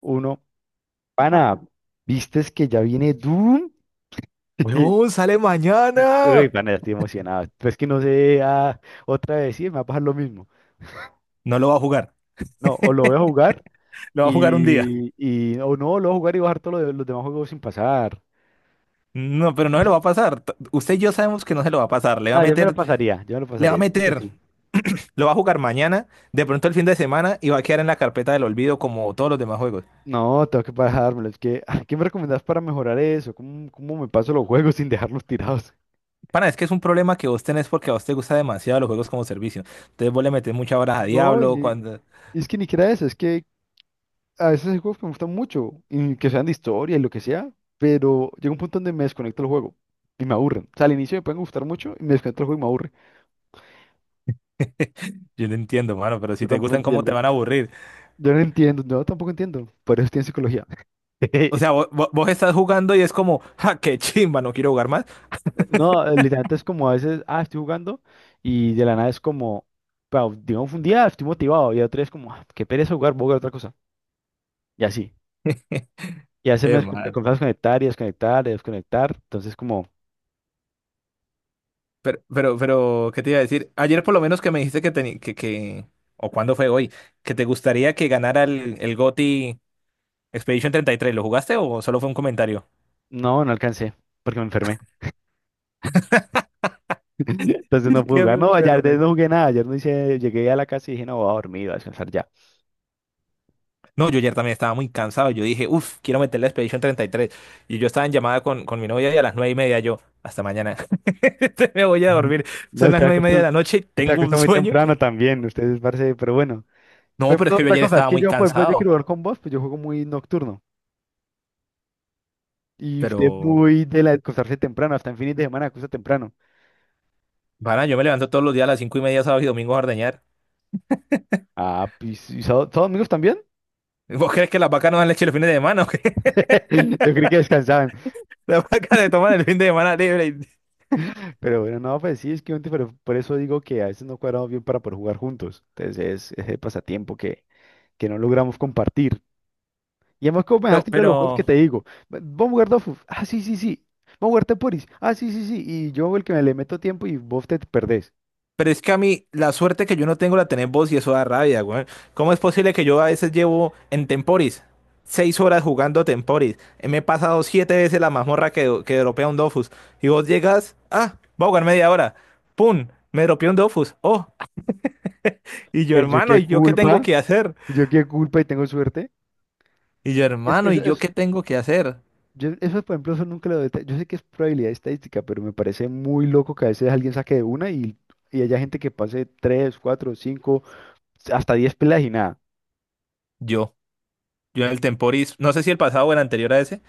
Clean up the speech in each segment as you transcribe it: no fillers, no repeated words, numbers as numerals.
Uno, pana, ¿vistes que ya viene Doom? Weón, sale Uy, mañana. pana, ya estoy emocionado. Pero es que no sé otra vez, sí, me va a pasar lo mismo. No lo va a jugar. No, o lo voy a jugar Lo va a jugar un día. y o no, lo voy a jugar y bajar todos los demás juegos sin pasar. No, pero no se lo va a pasar. Usted y yo sabemos que no se lo va a pasar. Le va a No, yo me lo meter, pasaría, yo me lo le va pasaría, a yo creo que meter. sí. Lo va a jugar mañana, de pronto el fin de semana y va a quedar en la carpeta del olvido como todos los demás juegos. No, tengo que bajármelo. Es que, ¿qué me recomendás para mejorar eso? ¿Cómo me paso los juegos sin dejarlos tirados? Pana, es que es un problema que vos tenés porque a vos te gusta demasiado los juegos como servicio. Entonces vos le metés muchas horas a No, Diablo cuando... es que ni siquiera eso, es que a veces hay juegos que me gustan mucho y que sean de historia y lo que sea, pero llega un punto donde me desconecto el juego y me aburren. O sea, al inicio me pueden gustar mucho y me desconecto el juego y me aburre. Yo lo entiendo, mano, pero si Yo te tampoco gustan, ¿cómo entiendo. te van a aburrir? Yo no entiendo, yo tampoco entiendo, por eso estoy en psicología. O sea, vos, vos- vos estás jugando y es como, ja, qué chimba, no quiero jugar más. No, literalmente es como a veces, estoy jugando y de la nada es como, wow, digamos, un día estoy motivado y otro día es como, qué pereza jugar, voy a jugar otra cosa. Y así. Y a veces Eh, me mano. comienzo a desconectar y desconectar y desconectar. Entonces como, Pero, ¿qué te iba a decir? Ayer por lo menos que me dijiste que, o cuándo fue hoy, que te gustaría que ganara el GOTY Expedition 33. ¿Lo jugaste o solo fue un comentario? no, no alcancé porque me enfermé. Entonces no Es puedo que jugar. me No, ayer enfermé. no jugué nada. Ayer no hice, llegué a la casa y dije, no, voy a dormir, voy a descansar ya. No, yo ayer también estaba muy cansado. Yo dije, uff, quiero meter la Expedition 33. Y tres. Y yo estaba en llamada con mi novia y a las 9:30 yo, hasta mañana. Me voy a Ujú. dormir. No, Son las 9:30 de la noche, usted tengo acostó un muy sueño. temprano también, ustedes parece, pero bueno. No, Pero, pero es que yo otra ayer cosa, es estaba que muy yo, por ejemplo, yo cansado. quiero jugar con vos, pues yo juego muy nocturno. Y usted es Pero, muy de acostarse temprano, hasta en fines de semana acuesta temprano. para, yo me levanto todos los días a las 5:30, sábado y domingo a ordeñar. Ah, pues, ¿y todos amigos también? ¿Vos crees que las vacas no dan leche los fines de semana o qué? Yo creí que descansaban. Las vacas se toman el fin de semana libre. Pero bueno, no, pues sí, es que obviamente, pero por eso digo que a veces no cuadramos bien para poder jugar juntos. Entonces es ese pasatiempo que no logramos compartir. Y además, como me No, dejaste ir a los juegos que pero, te digo, "Vamos a jugar Dofus, sí, sí, sí, vamos a jugar Temporis, sí, sí, sí, y yo el que me le meto tiempo y vos te perdés. pero es que a mí la suerte que yo no tengo la tenés vos y eso da rabia, güey. ¿Cómo es posible que yo a veces llevo en Temporis 6 horas jugando Temporis? Me he pasado siete veces la mazmorra que dropea un Dofus. Y vos llegas, ah, voy a jugar media hora. ¡Pum! Me dropeó un Dofus. ¡Oh! Y yo, Pues hermano, ¿y yo qué tengo que hacer? yo qué culpa y tengo suerte. Y yo, Eso, hermano, ¿y eso, yo qué eso, tengo que hacer? Eso, por ejemplo, eso nunca lo. Yo sé que es probabilidad estadística, pero me parece muy loco que a veces alguien saque de una y haya gente que pase tres, cuatro, 5 hasta 10 pelas y nada. Yo. Yo en el Temporis, no sé si el pasado o el anterior a ese.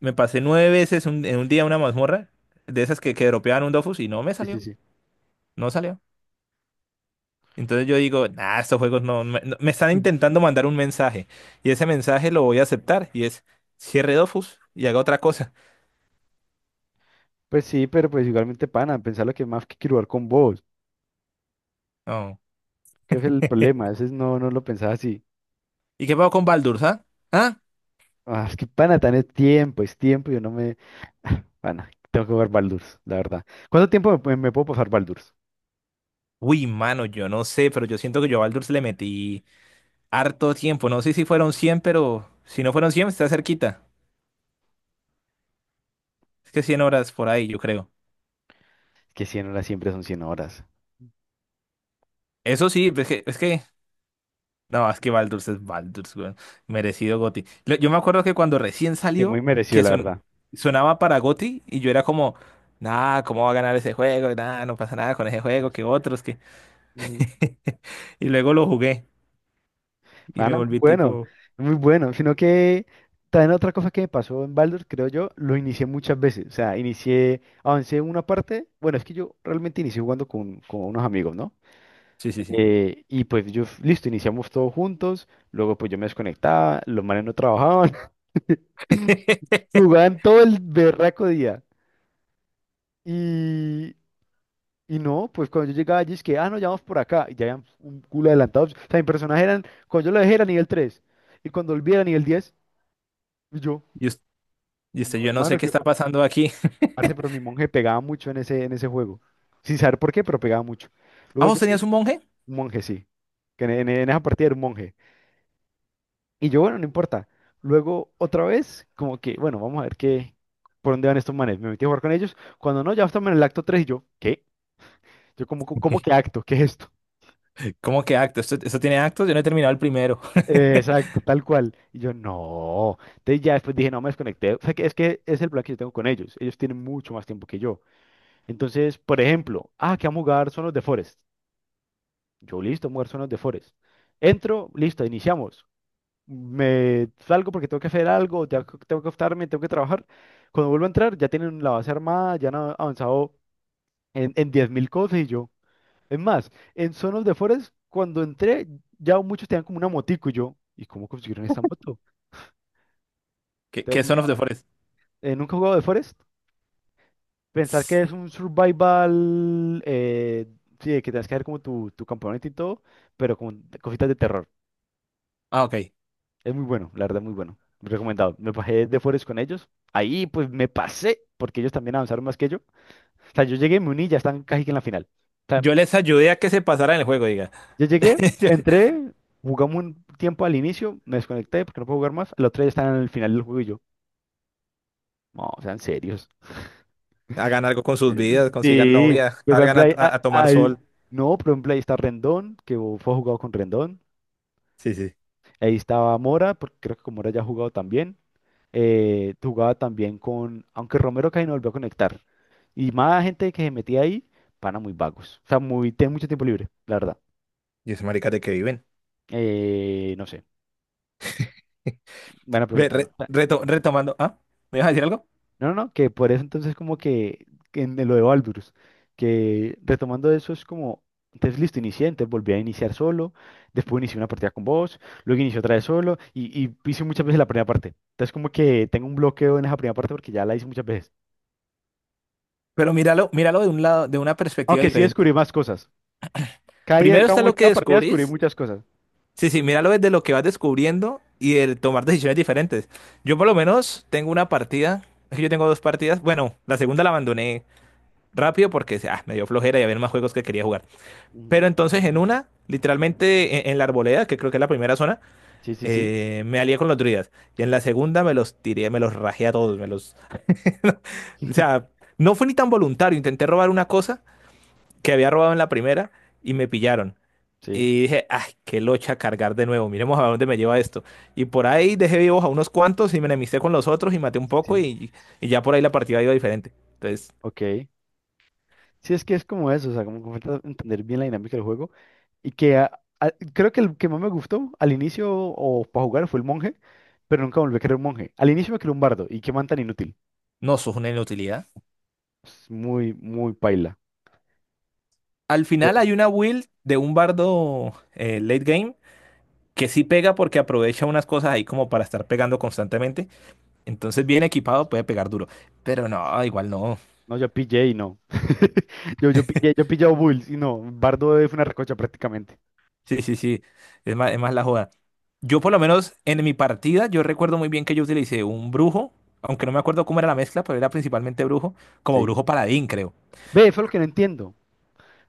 Me pasé nueve veces en un día una mazmorra de esas que dropeaban un Dofus y no me Sí, sí, salió, sí. no salió. Entonces yo digo, nah, estos juegos no, me están intentando mandar un mensaje y ese mensaje lo voy a aceptar y es cierre Dofus y haga otra cosa. Pues sí, pero pues igualmente, pana, pensar lo que más que quiero jugar con vos, No. que es el problema, a veces no, no lo pensaba así. ¿Y qué pasó con Baldur's, ah? ¿Ah? Ah, es que pana, tan es tiempo, yo no me... Ah, pana, tengo que jugar Baldur's, la verdad. ¿Cuánto tiempo me puedo pasar Baldur's? Uy, mano, yo no sé, pero yo siento que yo a Baldur's le metí harto tiempo. No sé si fueron 100 pero si no fueron 100 está cerquita. Es que 100 horas por ahí, yo creo. Es que 100 horas siempre son 100 horas. Eso sí, es que No, es que Baldur's es Baldur's, weón. Merecido GOTY. Yo me acuerdo que cuando recién Que muy salió, merecido, que la verdad. sonaba para GOTY y yo era como, nah, ¿cómo va a ganar ese juego? Nah, no pasa nada con ese juego, que otros, que... Ujú. Y luego lo jugué y me Pana, muy volví bueno, tipo, muy bueno. Sino que también otra cosa que me pasó en Baldur's, creo yo, lo inicié muchas veces. O sea, inicié, avancé una parte. Bueno, es que yo realmente inicié jugando con unos amigos, ¿no? sí, sí, sí. Y pues yo, listo, iniciamos todos juntos. Luego pues yo me desconectaba, los manes no trabajaban. Jugaban todo el berraco día. Y, y no, pues cuando yo llegaba allí es que, no, ya vamos por acá. Y ya habían un culo adelantados. O sea, mi personaje eran, cuando yo lo dejé era nivel tres. Y cuando volví era nivel 10. Y yo, Y, us- y y usted, yo, yo no sé hermano, qué que está pues, pasando aquí. parce, pero mi monje pegaba mucho en ese juego. Sin saber por qué, pero pegaba mucho. ¿Ah, Luego vos yo, tenías un monje? un monje, sí. Que en esa partida era un monje. Y yo, bueno, no importa. Luego, otra vez, como que, bueno, vamos a ver qué, por dónde van estos manes. Me metí a jugar con ellos. Cuando no, ya estaban en el acto 3 y yo, ¿qué? Yo como, ¿cómo que acto? ¿Qué es esto? ¿Cómo que acto? ¿Esto tiene actos? Yo no he terminado el primero. Eh, exacto, tal cual. Y yo, no. Entonces ya después dije, no, me desconecté. O sea, que es el plan que yo tengo con ellos. Ellos tienen mucho más tiempo que yo. Entonces, por ejemplo, que vamos a jugar Son los de Forest. Yo, listo, vamos a jugar Son los de Forest. Entro, listo, iniciamos. Me salgo porque tengo que hacer algo, ya tengo que acostarme, tengo que trabajar. Cuando vuelvo a entrar, ya tienen la base armada, ya han avanzado en 10.000 cosas y yo. Es más, en Son of the Forest, cuando entré, ya muchos tenían como una motico y yo, ¿y cómo consiguieron esta moto? ¿Qué es Entonces, Son of the Forest? Nunca he jugado de Forest. Pensar Tss. que es un survival, sí, de que tienes que hacer como tu campamento y todo, pero con cositas de terror. Ah, ok. Es muy bueno, la verdad, muy bueno. Recomendado. Me bajé de Forest con ellos. Ahí pues me pasé, porque ellos también avanzaron más que yo. O sea, yo llegué, y me uní y ya están casi que en la final. O sea, Yo les ayudé a que se pasaran el juego, diga. yo llegué, entré, jugamos un tiempo al inicio, me desconecté porque no puedo jugar más. El otro día están en el final del juego y yo, no, sean serios. Hagan algo con sus vidas, consigan Sí, no. novia, Pues por salgan a, ejemplo, no, a- a tomar sol. no, por ejemplo, ahí está Rendón, que fue jugado con Rendón. Sí, sí. Ahí estaba Mora, porque creo que con Mora ya ha jugado también. Jugaba también aunque Romero casi no volvió a conectar. Y más gente que se metía ahí, pana muy vagos. O sea, muy, tienen mucho tiempo libre, la verdad. Y esos maricas de que viven. No sé, buena Ve, pregunta, ¿no? retomando, ¿ah? ¿Me ibas a decir algo? No, no, no, que por eso entonces como que, en lo de Baldur's, que retomando eso es como, entonces listo, inicié, entonces volví a iniciar solo, después inicié una partida con vos, luego inicié otra vez solo y hice muchas veces la primera parte. Entonces como que tengo un bloqueo en esa primera parte porque ya la hice muchas veces. Pero míralo, míralo de un lado, de una perspectiva Aunque sí diferente. descubrí más cosas. Cada día, sí, Primero cada, está lo que cada partida descubrí descubrís. muchas cosas. Sí, sí, míralo desde lo que vas descubriendo y el tomar decisiones diferentes. Yo por lo menos tengo una partida, es que yo tengo dos partidas. Bueno, la segunda la abandoné rápido porque me dio flojera y había más juegos que quería jugar. Ujú. Pero entonces en una, literalmente en la arboleda, que creo que es la primera zona, Sí, sí, sí. Me alié con los druidas. Y en la segunda me los tiré, me los rajé a todos, me los... o sea, no fue ni tan voluntario. Intenté robar una cosa que había robado en la primera y me pillaron. Sí, Y dije, ay, qué locha cargar de nuevo, miremos a dónde me lleva esto. Y por ahí dejé vivos a unos cuantos y me enemisté con los otros y maté un poco sí. y ya por ahí la partida iba diferente. Entonces, Ok. Sí, es que es como eso, o sea, como que falta entender bien la dinámica del juego. Y que creo que el que más me gustó al inicio o para jugar fue el monje, pero nunca volví a querer un monje. Al inicio me quería un bardo y qué man tan inútil. no, sos una inutilidad. Es muy, muy paila. Al Eh, final hay una build de un bardo late game que sí pega porque aprovecha unas cosas ahí como para estar pegando constantemente. Entonces, bien equipado puede pegar duro. Pero no, igual no. No, yo pillé y no. Yo pillé a Bulls y no. Bardo fue una recocha prácticamente. Sí, sí, sí. Es más la joda. Yo, por lo menos, en mi partida, yo recuerdo muy bien que yo utilicé un brujo, aunque no me acuerdo cómo era la mezcla, pero era principalmente brujo, como Sí. brujo paladín, creo. Ve, eso es lo que no entiendo.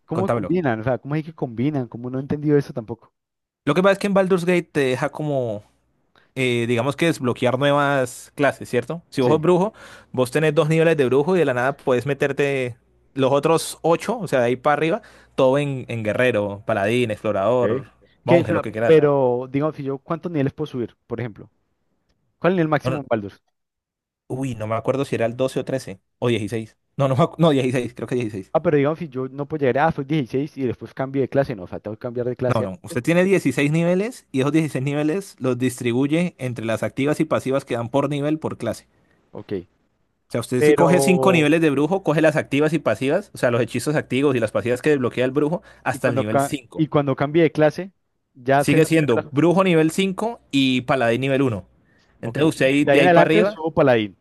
¿Cómo Contámelo. combinan? O sea, ¿cómo es que combinan? Como no he entendido eso tampoco. Lo que pasa es que en Baldur's Gate te deja como, digamos que desbloquear nuevas clases, ¿cierto? Si vos sos Sí. brujo, vos tenés dos niveles de brujo y de la nada puedes meterte los otros ocho, o sea, de ahí para arriba, todo en guerrero, paladín, explorador, Ok. Que, o monje, lo sea, que quieras. pero, digamos, si yo, ¿cuántos niveles puedo subir, por ejemplo? ¿Cuál es el máximo Bueno, en Baldur's? uy, no me acuerdo si era el 12 o 13 o 16. No, no, no, 16, creo que 16. Ah, pero digamos, si yo no puedo llegar, soy 16 y después cambio de clase, no, o sea, tengo que cambiar de No, clase no, antes. usted tiene 16 niveles y esos 16 niveles los distribuye entre las activas y pasivas que dan por nivel por clase. Ok. O sea, usted si coge 5 Pero, niveles de brujo, coge las activas y pasivas, o sea, los hechizos activos y las pasivas que desbloquea el brujo y hasta el cuando, nivel 5. y cuando cambie de clase, ya se Sigue desaparece siendo la- brujo nivel 5 y paladín nivel uno. Ok. Entonces usted Y ahí, de ahí de en ahí para adelante arriba. subo paladín.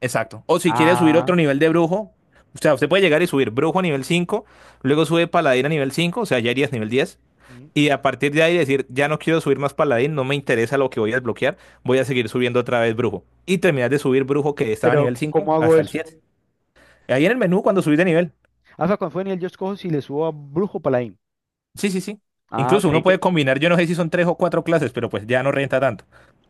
Exacto. O si quiere subir otro Ah. nivel de brujo, o sea, usted puede llegar y subir brujo a nivel 5, luego sube paladín a nivel 5, o sea, ya irías nivel 10 Ujú. y a partir de ahí decir, ya no quiero subir más paladín, no me interesa lo que voy a desbloquear, voy a seguir subiendo otra vez brujo. Y terminar de subir brujo que estaba a Pero, nivel ¿cómo 5 hago hasta el eso? 7. Ahí en el menú cuando subís de nivel. Ah, o sea, cuando fue en el yo escojo si le subo a brujo o paladín. Sí, sí, sí. Ah, Incluso creí uno que. puede combinar, yo no sé si son tres o cuatro clases, pero pues ya no renta tanto.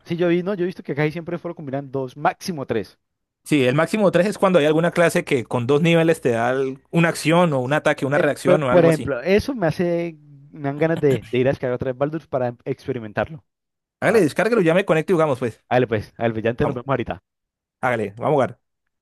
Sí, yo vi, no, yo he visto que casi siempre fueron combinan dos, máximo tres. Sí, el máximo tres es cuando hay alguna clase que con dos niveles te da una acción o un ataque, una Eh, reacción Por, o por algo así. ejemplo, eso me dan ganas de ir a descargar otra vez Baldur's para experimentarlo. Hágale, descárguelo, ya me conecto y jugamos pues. Dale pues, al brillante nos vemos Vamos, ahorita. hágale, vamos a jugar.